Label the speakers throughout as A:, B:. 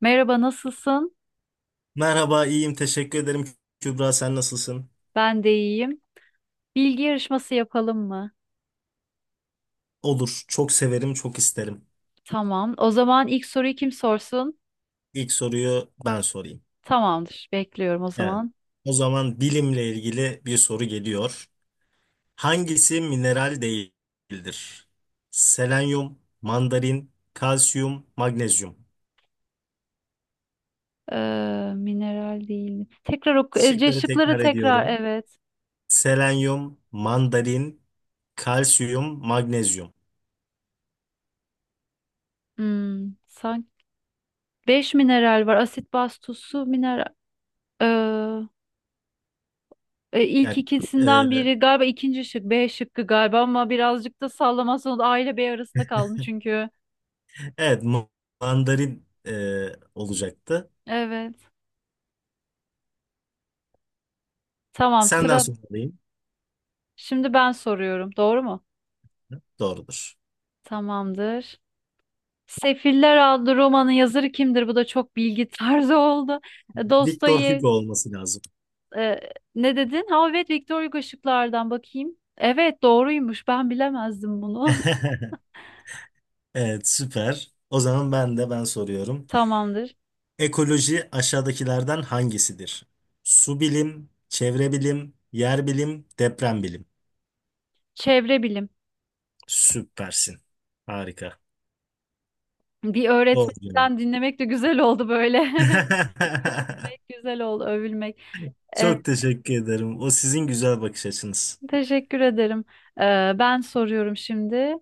A: Merhaba, nasılsın?
B: Merhaba, iyiyim. Teşekkür ederim. Kübra, sen nasılsın?
A: Ben de iyiyim. Bilgi yarışması yapalım mı?
B: Olur. Çok severim, çok isterim.
A: Tamam. O zaman ilk soruyu kim sorsun?
B: İlk soruyu ben sorayım.
A: Tamamdır. Bekliyorum o
B: Evet.
A: zaman.
B: O zaman bilimle ilgili bir soru geliyor. Hangisi mineral değildir? Selenyum, mandarin, kalsiyum, magnezyum.
A: Mineral değil. Tekrar oku. Ece
B: Şıkları
A: şıkları
B: tekrar
A: tekrar.
B: ediyorum.
A: Evet.
B: Selenyum, mandarin, kalsiyum, magnezyum.
A: Hmm, sanki beş mineral var. Asit, baz, tuz, su, mineral. Ee, ilk
B: Yani, e,
A: ikisinden biri galiba ikinci şık. B şıkkı galiba ama birazcık da sallamazsan o da A ile B arasında kaldım çünkü.
B: evet, mandarin olacaktı.
A: Evet. Tamam
B: Senden
A: sıra.
B: sorayım.
A: Şimdi ben soruyorum. Doğru mu?
B: Doğrudur.
A: Tamamdır. Sefiller adlı romanın yazarı kimdir? Bu da çok bilgi tarzı oldu. E,
B: Victor
A: Dostoyev
B: Hugo olması lazım.
A: e, ne dedin? Ha evet, Victor Hugo şıklardan bakayım. Evet doğruymuş. Ben bilemezdim bunu.
B: Evet, süper. O zaman ben soruyorum.
A: Tamamdır.
B: Ekoloji aşağıdakilerden hangisidir? Su bilim, çevre bilim, yer bilim, deprem bilim.
A: Çevre bilim.
B: Süpersin. Harika.
A: Bir
B: Doğru cevap.
A: öğretmenden dinlemek de güzel oldu böyle. Övülmek güzel oldu, övülmek. E,
B: Çok teşekkür ederim. O sizin güzel bakış açınız.
A: teşekkür ederim. E, ben soruyorum şimdi.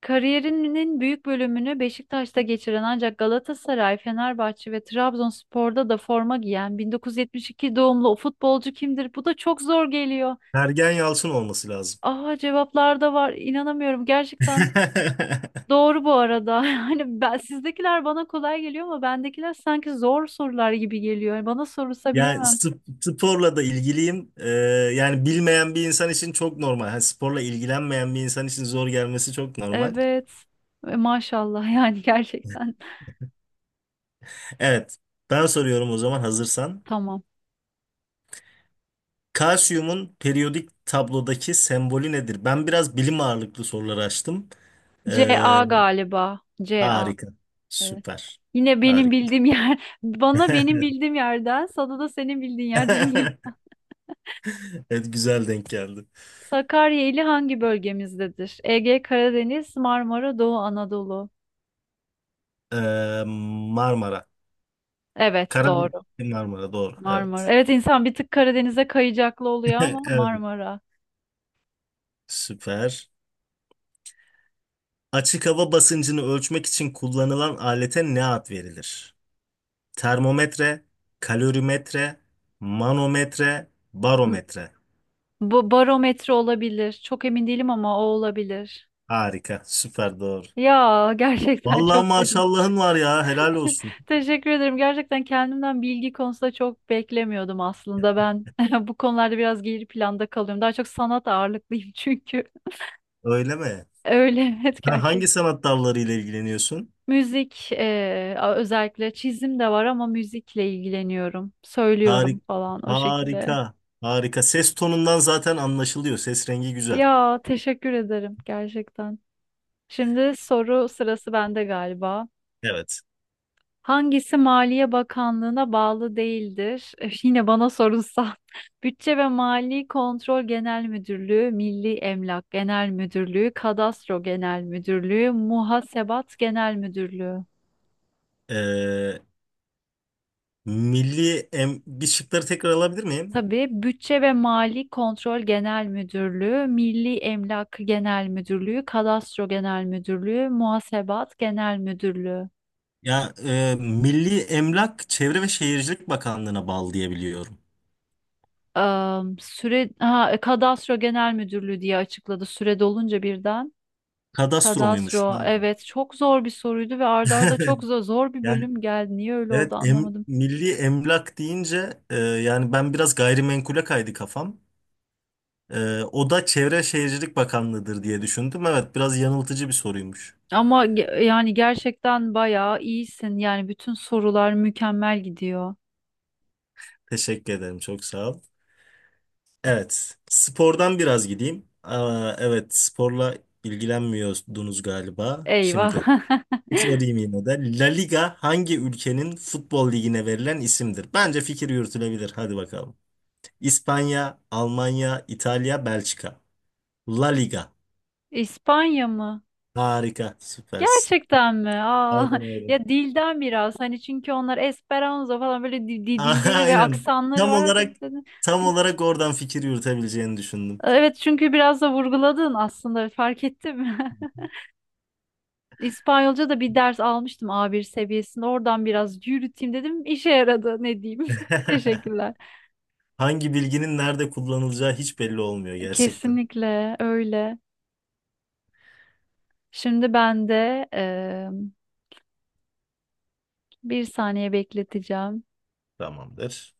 A: Kariyerinin büyük bölümünü Beşiktaş'ta geçiren ancak Galatasaray, Fenerbahçe ve Trabzonspor'da da forma giyen 1972 doğumlu o futbolcu kimdir? Bu da çok zor geliyor.
B: Ergen Yalçın olması lazım.
A: Aha cevaplar da var. İnanamıyorum. Gerçekten doğru bu arada. Hani ben sizdekiler bana kolay geliyor ama bendekiler sanki zor sorular gibi geliyor. Bana sorulsa
B: Yani
A: bilemem.
B: sporla da ilgiliyim. Yani bilmeyen bir insan için çok normal. Hani sporla ilgilenmeyen bir insan için zor gelmesi çok normal.
A: Evet. E, maşallah yani gerçekten.
B: Evet. Ben soruyorum o zaman hazırsan.
A: Tamam.
B: Kalsiyumun periyodik tablodaki sembolü nedir? Ben biraz bilim ağırlıklı sorular açtım.
A: C
B: Ee,
A: A galiba. C A.
B: harika.
A: Evet.
B: Süper.
A: Yine benim
B: Harika.
A: bildiğim yer, bana benim bildiğim yerden, sana da senin bildiğin yerden gelin.
B: Evet güzel denk geldi.
A: Sakarya ili hangi bölgemizdedir? Ege, Karadeniz, Marmara, Doğu Anadolu.
B: Marmara.
A: Evet,
B: Karadeniz
A: doğru.
B: Marmara doğru. Evet.
A: Marmara. Evet, insan bir tık Karadeniz'e kayacaklı oluyor ama
B: Evet.
A: Marmara.
B: Süper. Açık hava basıncını ölçmek için kullanılan alete ne ad verilir? Termometre, kalorimetre, manometre,
A: N-
B: barometre.
A: Bu barometre olabilir. Çok emin değilim ama o olabilir.
B: Harika, süper doğru.
A: Ya gerçekten
B: Vallahi
A: çok sevindim.
B: maşallahın var ya, helal olsun.
A: Teşekkür ederim. Gerçekten kendimden bilgi konusunda çok beklemiyordum aslında. Ben bu konularda biraz geri planda kalıyorum. Daha çok sanat ağırlıklıyım çünkü.
B: Öyle mi?
A: Öyle evet
B: Sen hangi
A: gerçekten.
B: sanat dallarıyla ilgileniyorsun?
A: Müzik özellikle çizim de var ama müzikle ilgileniyorum. Söylüyorum
B: Harika,
A: falan o
B: harika,
A: şekilde.
B: harika. Ses tonundan zaten anlaşılıyor. Ses rengi güzel.
A: Ya teşekkür ederim gerçekten. Şimdi soru sırası bende galiba.
B: Evet.
A: Hangisi Maliye Bakanlığı'na bağlı değildir? Yine bana sorulsa. Bütçe ve Mali Kontrol Genel Müdürlüğü, Milli Emlak Genel Müdürlüğü, Kadastro Genel Müdürlüğü, Muhasebat Genel Müdürlüğü.
B: Ee, milli em bir şıkları tekrar alabilir miyim?
A: Tabii, Bütçe ve Mali Kontrol Genel Müdürlüğü, Milli Emlak Genel Müdürlüğü, Kadastro Genel Müdürlüğü, Muhasebat Genel Müdürlüğü.
B: Ya Milli Emlak Çevre ve Şehircilik Bakanlığı'na bağlı diye biliyorum.
A: Am, süre ha, Kadastro Genel Müdürlüğü diye açıkladı süre dolunca birden.
B: Kadastro muymuş?
A: Kadastro.
B: Ha.
A: Evet, çok zor bir soruydu ve arda arda çok zor, zor bir
B: Yani
A: bölüm geldi. Niye öyle
B: evet
A: oldu anlamadım.
B: Milli Emlak deyince yani ben biraz gayrimenkule kaydı kafam. O da Çevre ve Şehircilik Bakanlığı'dır diye düşündüm. Evet biraz yanıltıcı bir soruymuş.
A: Yani gerçekten bayağı iyisin. Yani bütün sorular mükemmel gidiyor.
B: Teşekkür ederim çok sağ ol. Evet spordan biraz gideyim. Aa, evet sporla ilgilenmiyordunuz galiba
A: Eyvah.
B: şimdi. Bir sorayım yine de. La Liga hangi ülkenin futbol ligine verilen isimdir? Bence fikir yürütülebilir. Hadi bakalım. İspanya, Almanya, İtalya, Belçika. La Liga.
A: İspanya mı?
B: Harika, süpersin.
A: Gerçekten mi? Aa,
B: Aynen öyle.
A: ya dilden biraz hani çünkü onlar Esperanto falan böyle dilleri ve
B: Aynen.
A: aksanları
B: Tam
A: var. Hadi bir
B: olarak
A: tane-
B: tam olarak oradan fikir yürütebileceğini düşündüm.
A: Evet çünkü biraz da vurguladın aslında fark ettim. İspanyolca da bir ders almıştım A1 seviyesinde. Oradan biraz yürüteyim dedim. İşe yaradı ne diyeyim. Teşekkürler.
B: Hangi bilginin nerede kullanılacağı hiç belli olmuyor gerçekten.
A: Kesinlikle öyle. Şimdi ben de bir saniye bekleteceğim.
B: Tamamdır.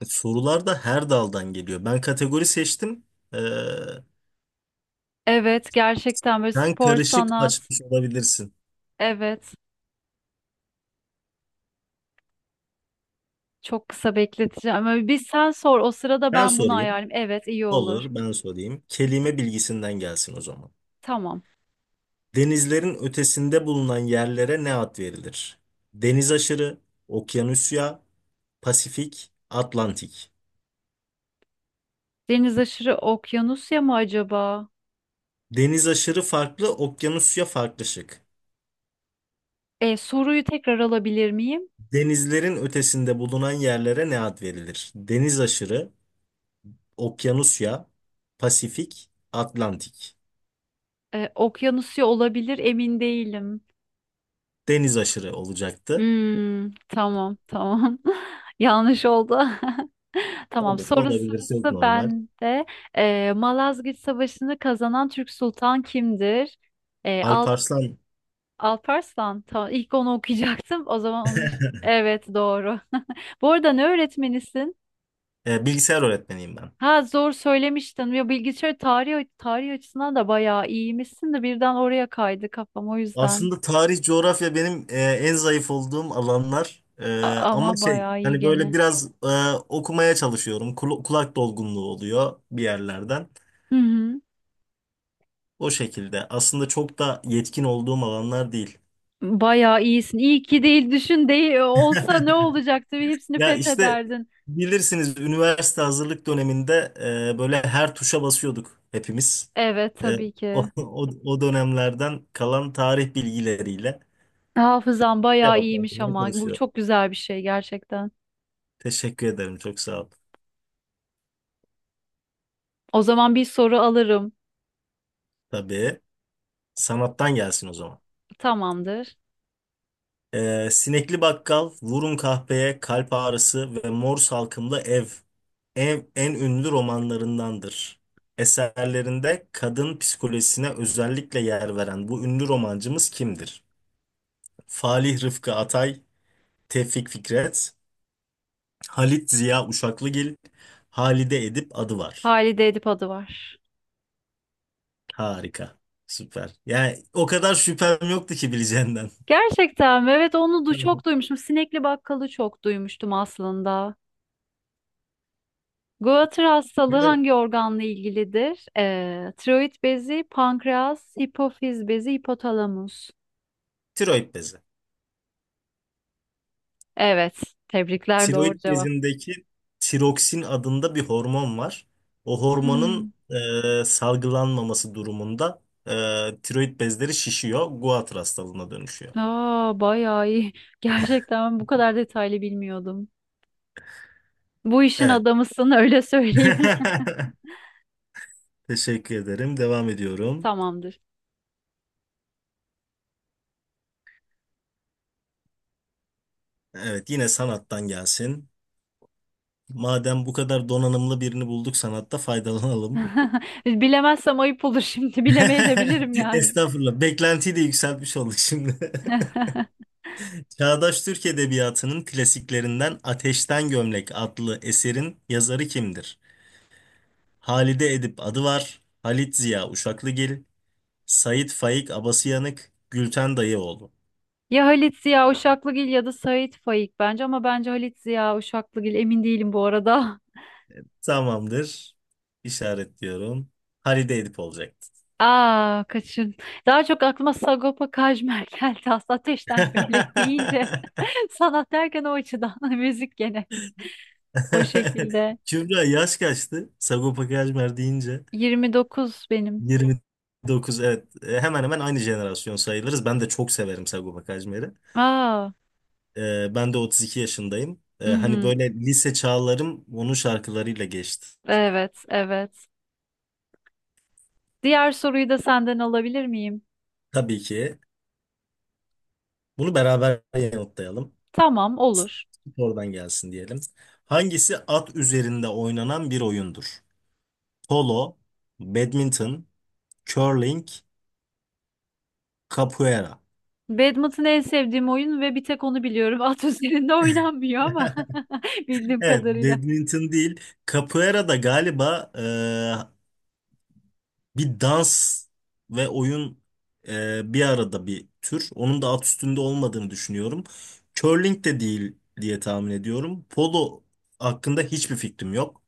B: Sorular da her daldan geliyor. Ben kategori seçtim. Ee,
A: Evet gerçekten böyle
B: sen
A: spor
B: karışık
A: sanat.
B: açmış olabilirsin.
A: Evet çok kısa bekleteceğim. Ama bir sen sor o sırada
B: Ben
A: ben bunu
B: sorayım.
A: ayarlayayım. Evet iyi olur.
B: Olur, ben sorayım. Kelime bilgisinden gelsin o zaman.
A: Tamam.
B: Denizlerin ötesinde bulunan yerlere ne ad verilir? Deniz aşırı, okyanusya, Pasifik, Atlantik.
A: Deniz aşırı okyanusya mı acaba?
B: Deniz aşırı farklı, okyanusya farklı şık.
A: E, soruyu tekrar alabilir miyim?
B: Denizlerin ötesinde bulunan yerlere ne ad verilir? Deniz aşırı, okyanusya, Pasifik, Atlantik.
A: E, okyanusya olabilir, emin değilim.
B: Deniz aşırı olacaktı.
A: Hmm, tamam, tamam. Yanlış oldu. Tamam
B: Olur,
A: soru
B: olabilir, çok
A: sırası
B: normal.
A: bende. Malazgirt Savaşı'nı kazanan Türk Sultan kimdir? Al
B: Alparslan,
A: Alparslan. Tamam, ilk onu okuyacaktım. O zaman onu... iş- Evet doğru. Bu arada ne öğretmenisin?
B: bilgisayar öğretmeniyim ben.
A: Ha zor söylemiştin. Ya bilgisayar tarih açısından da bayağı iyiymişsin de birden oraya kaydı kafam o yüzden.
B: Aslında tarih, coğrafya benim en zayıf olduğum alanlar. E, ama
A: Ama
B: şey
A: bayağı iyi
B: hani böyle
A: gene.
B: biraz okumaya çalışıyorum. Kulak dolgunluğu oluyor bir yerlerden.
A: Hı hı.
B: O şekilde. Aslında çok da yetkin olduğum alanlar değil.
A: Bayağı iyisin. İyi ki değil düşün değil olsa ne olacaktı? Hepsini
B: Ya işte
A: fethederdin.
B: bilirsiniz üniversite hazırlık döneminde böyle her tuşa basıyorduk hepimiz.
A: Evet
B: E,
A: tabii ki.
B: o dönemlerden kalan tarih bilgileriyle
A: Hafızan bayağı iyiymiş
B: cevaplandırmaya
A: ama bu
B: çalışıyorum.
A: çok güzel bir şey gerçekten.
B: Teşekkür ederim. Çok sağ ol.
A: O zaman bir soru alırım.
B: Tabii. Sanattan gelsin o zaman.
A: Tamamdır.
B: Sinekli bakkal, vurun kahpeye, kalp ağrısı ve mor salkımlı ev. Ev en ünlü romanlarındandır. Eserlerinde kadın psikolojisine özellikle yer veren bu ünlü romancımız kimdir? Falih Rıfkı Atay, Tevfik Fikret, Halit Ziya Uşaklıgil, Halide Edip adı var.
A: Halide Edip adı var.
B: Harika. Süper. Yani o kadar şüphem yoktu ki bileceğinden.
A: Gerçekten mi? Evet onu du çok duymuştum. Sinekli bakkalı çok duymuştum aslında. Goitre hastalığı
B: Evet. Böyle
A: hangi organla ilgilidir? Tiroid bezi, pankreas, hipofiz bezi, hipotalamus.
B: tiroid bezi.
A: Evet. Tebrikler, doğru
B: Tiroid
A: cevap.
B: bezindeki tiroksin adında bir hormon var. O hormonun
A: Hmm.
B: salgılanmaması durumunda e, tiroid bezleri şişiyor, Goitre hastalığına dönüşüyor.
A: Aa, bayağı iyi. Gerçekten ben bu kadar detaylı bilmiyordum. Bu işin
B: Evet.
A: adamısın öyle söyleyeyim.
B: Teşekkür ederim. Devam ediyorum.
A: Tamamdır.
B: Evet, yine sanattan gelsin. Madem bu kadar donanımlı birini bulduk sanatta faydalanalım.
A: Bilemezsem ayıp olur şimdi. Bilemeye de bilirim yani.
B: Estağfurullah. Beklentiyi de yükseltmiş olduk şimdi. Çağdaş Türk Edebiyatı'nın klasiklerinden Ateşten Gömlek adlı eserin yazarı kimdir? Halide Edip Adıvar, Halit Ziya Uşaklıgil, Sait Faik Abasıyanık, Gülten Dayıoğlu.
A: Ya Halit Ziya Uşaklıgil ya da Sait Faik bence, ama bence Halit Ziya Uşaklıgil, emin değilim bu arada.
B: Tamamdır. İşaretliyorum. Halide Edip olacaktı.
A: Aa kaçın. Daha çok aklıma Sagopa Kajmer geldi. Aslında ateşten gömlek deyince sanat derken o açıdan müzik gene o şekilde.
B: Kübra yaş kaçtı? Sagopa Kajmer deyince
A: 29 benim.
B: 29 evet. Hemen hemen aynı jenerasyon sayılırız. Ben de çok severim Sagopa Kajmer'i.
A: Aa.
B: Ben de 32 yaşındayım. Hani
A: Mhm.
B: böyle lise çağlarım onun şarkılarıyla geçti.
A: Evet, evet. Diğer soruyu da senden alabilir miyim?
B: Tabii ki. Bunu beraber yanıtlayalım.
A: Tamam, olur.
B: Oradan gelsin diyelim. Hangisi at üzerinde oynanan bir oyundur? Polo, badminton, curling, capoeira.
A: Badminton en sevdiğim oyun ve bir tek onu biliyorum. At üzerinde oynanmıyor ama bildiğim
B: Evet,
A: kadarıyla.
B: badminton değil. Capoeira da galiba bir dans ve oyun bir arada bir tür. Onun da alt üstünde olmadığını düşünüyorum. Curling de değil diye tahmin ediyorum. Polo hakkında hiçbir fikrim yok.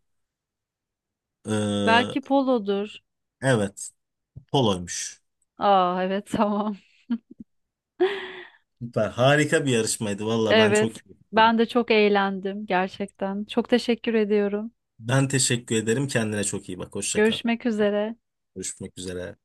B: Ee,
A: Belki polodur.
B: evet, poloymuş.
A: Aa, evet, tamam.
B: Süper, harika bir yarışmaydı. Valla ben
A: Evet,
B: çok iyi buldum.
A: ben de çok eğlendim gerçekten. Çok teşekkür ediyorum.
B: Ben teşekkür ederim. Kendine çok iyi bak. Hoşça kal.
A: Görüşmek üzere.
B: Görüşmek üzere.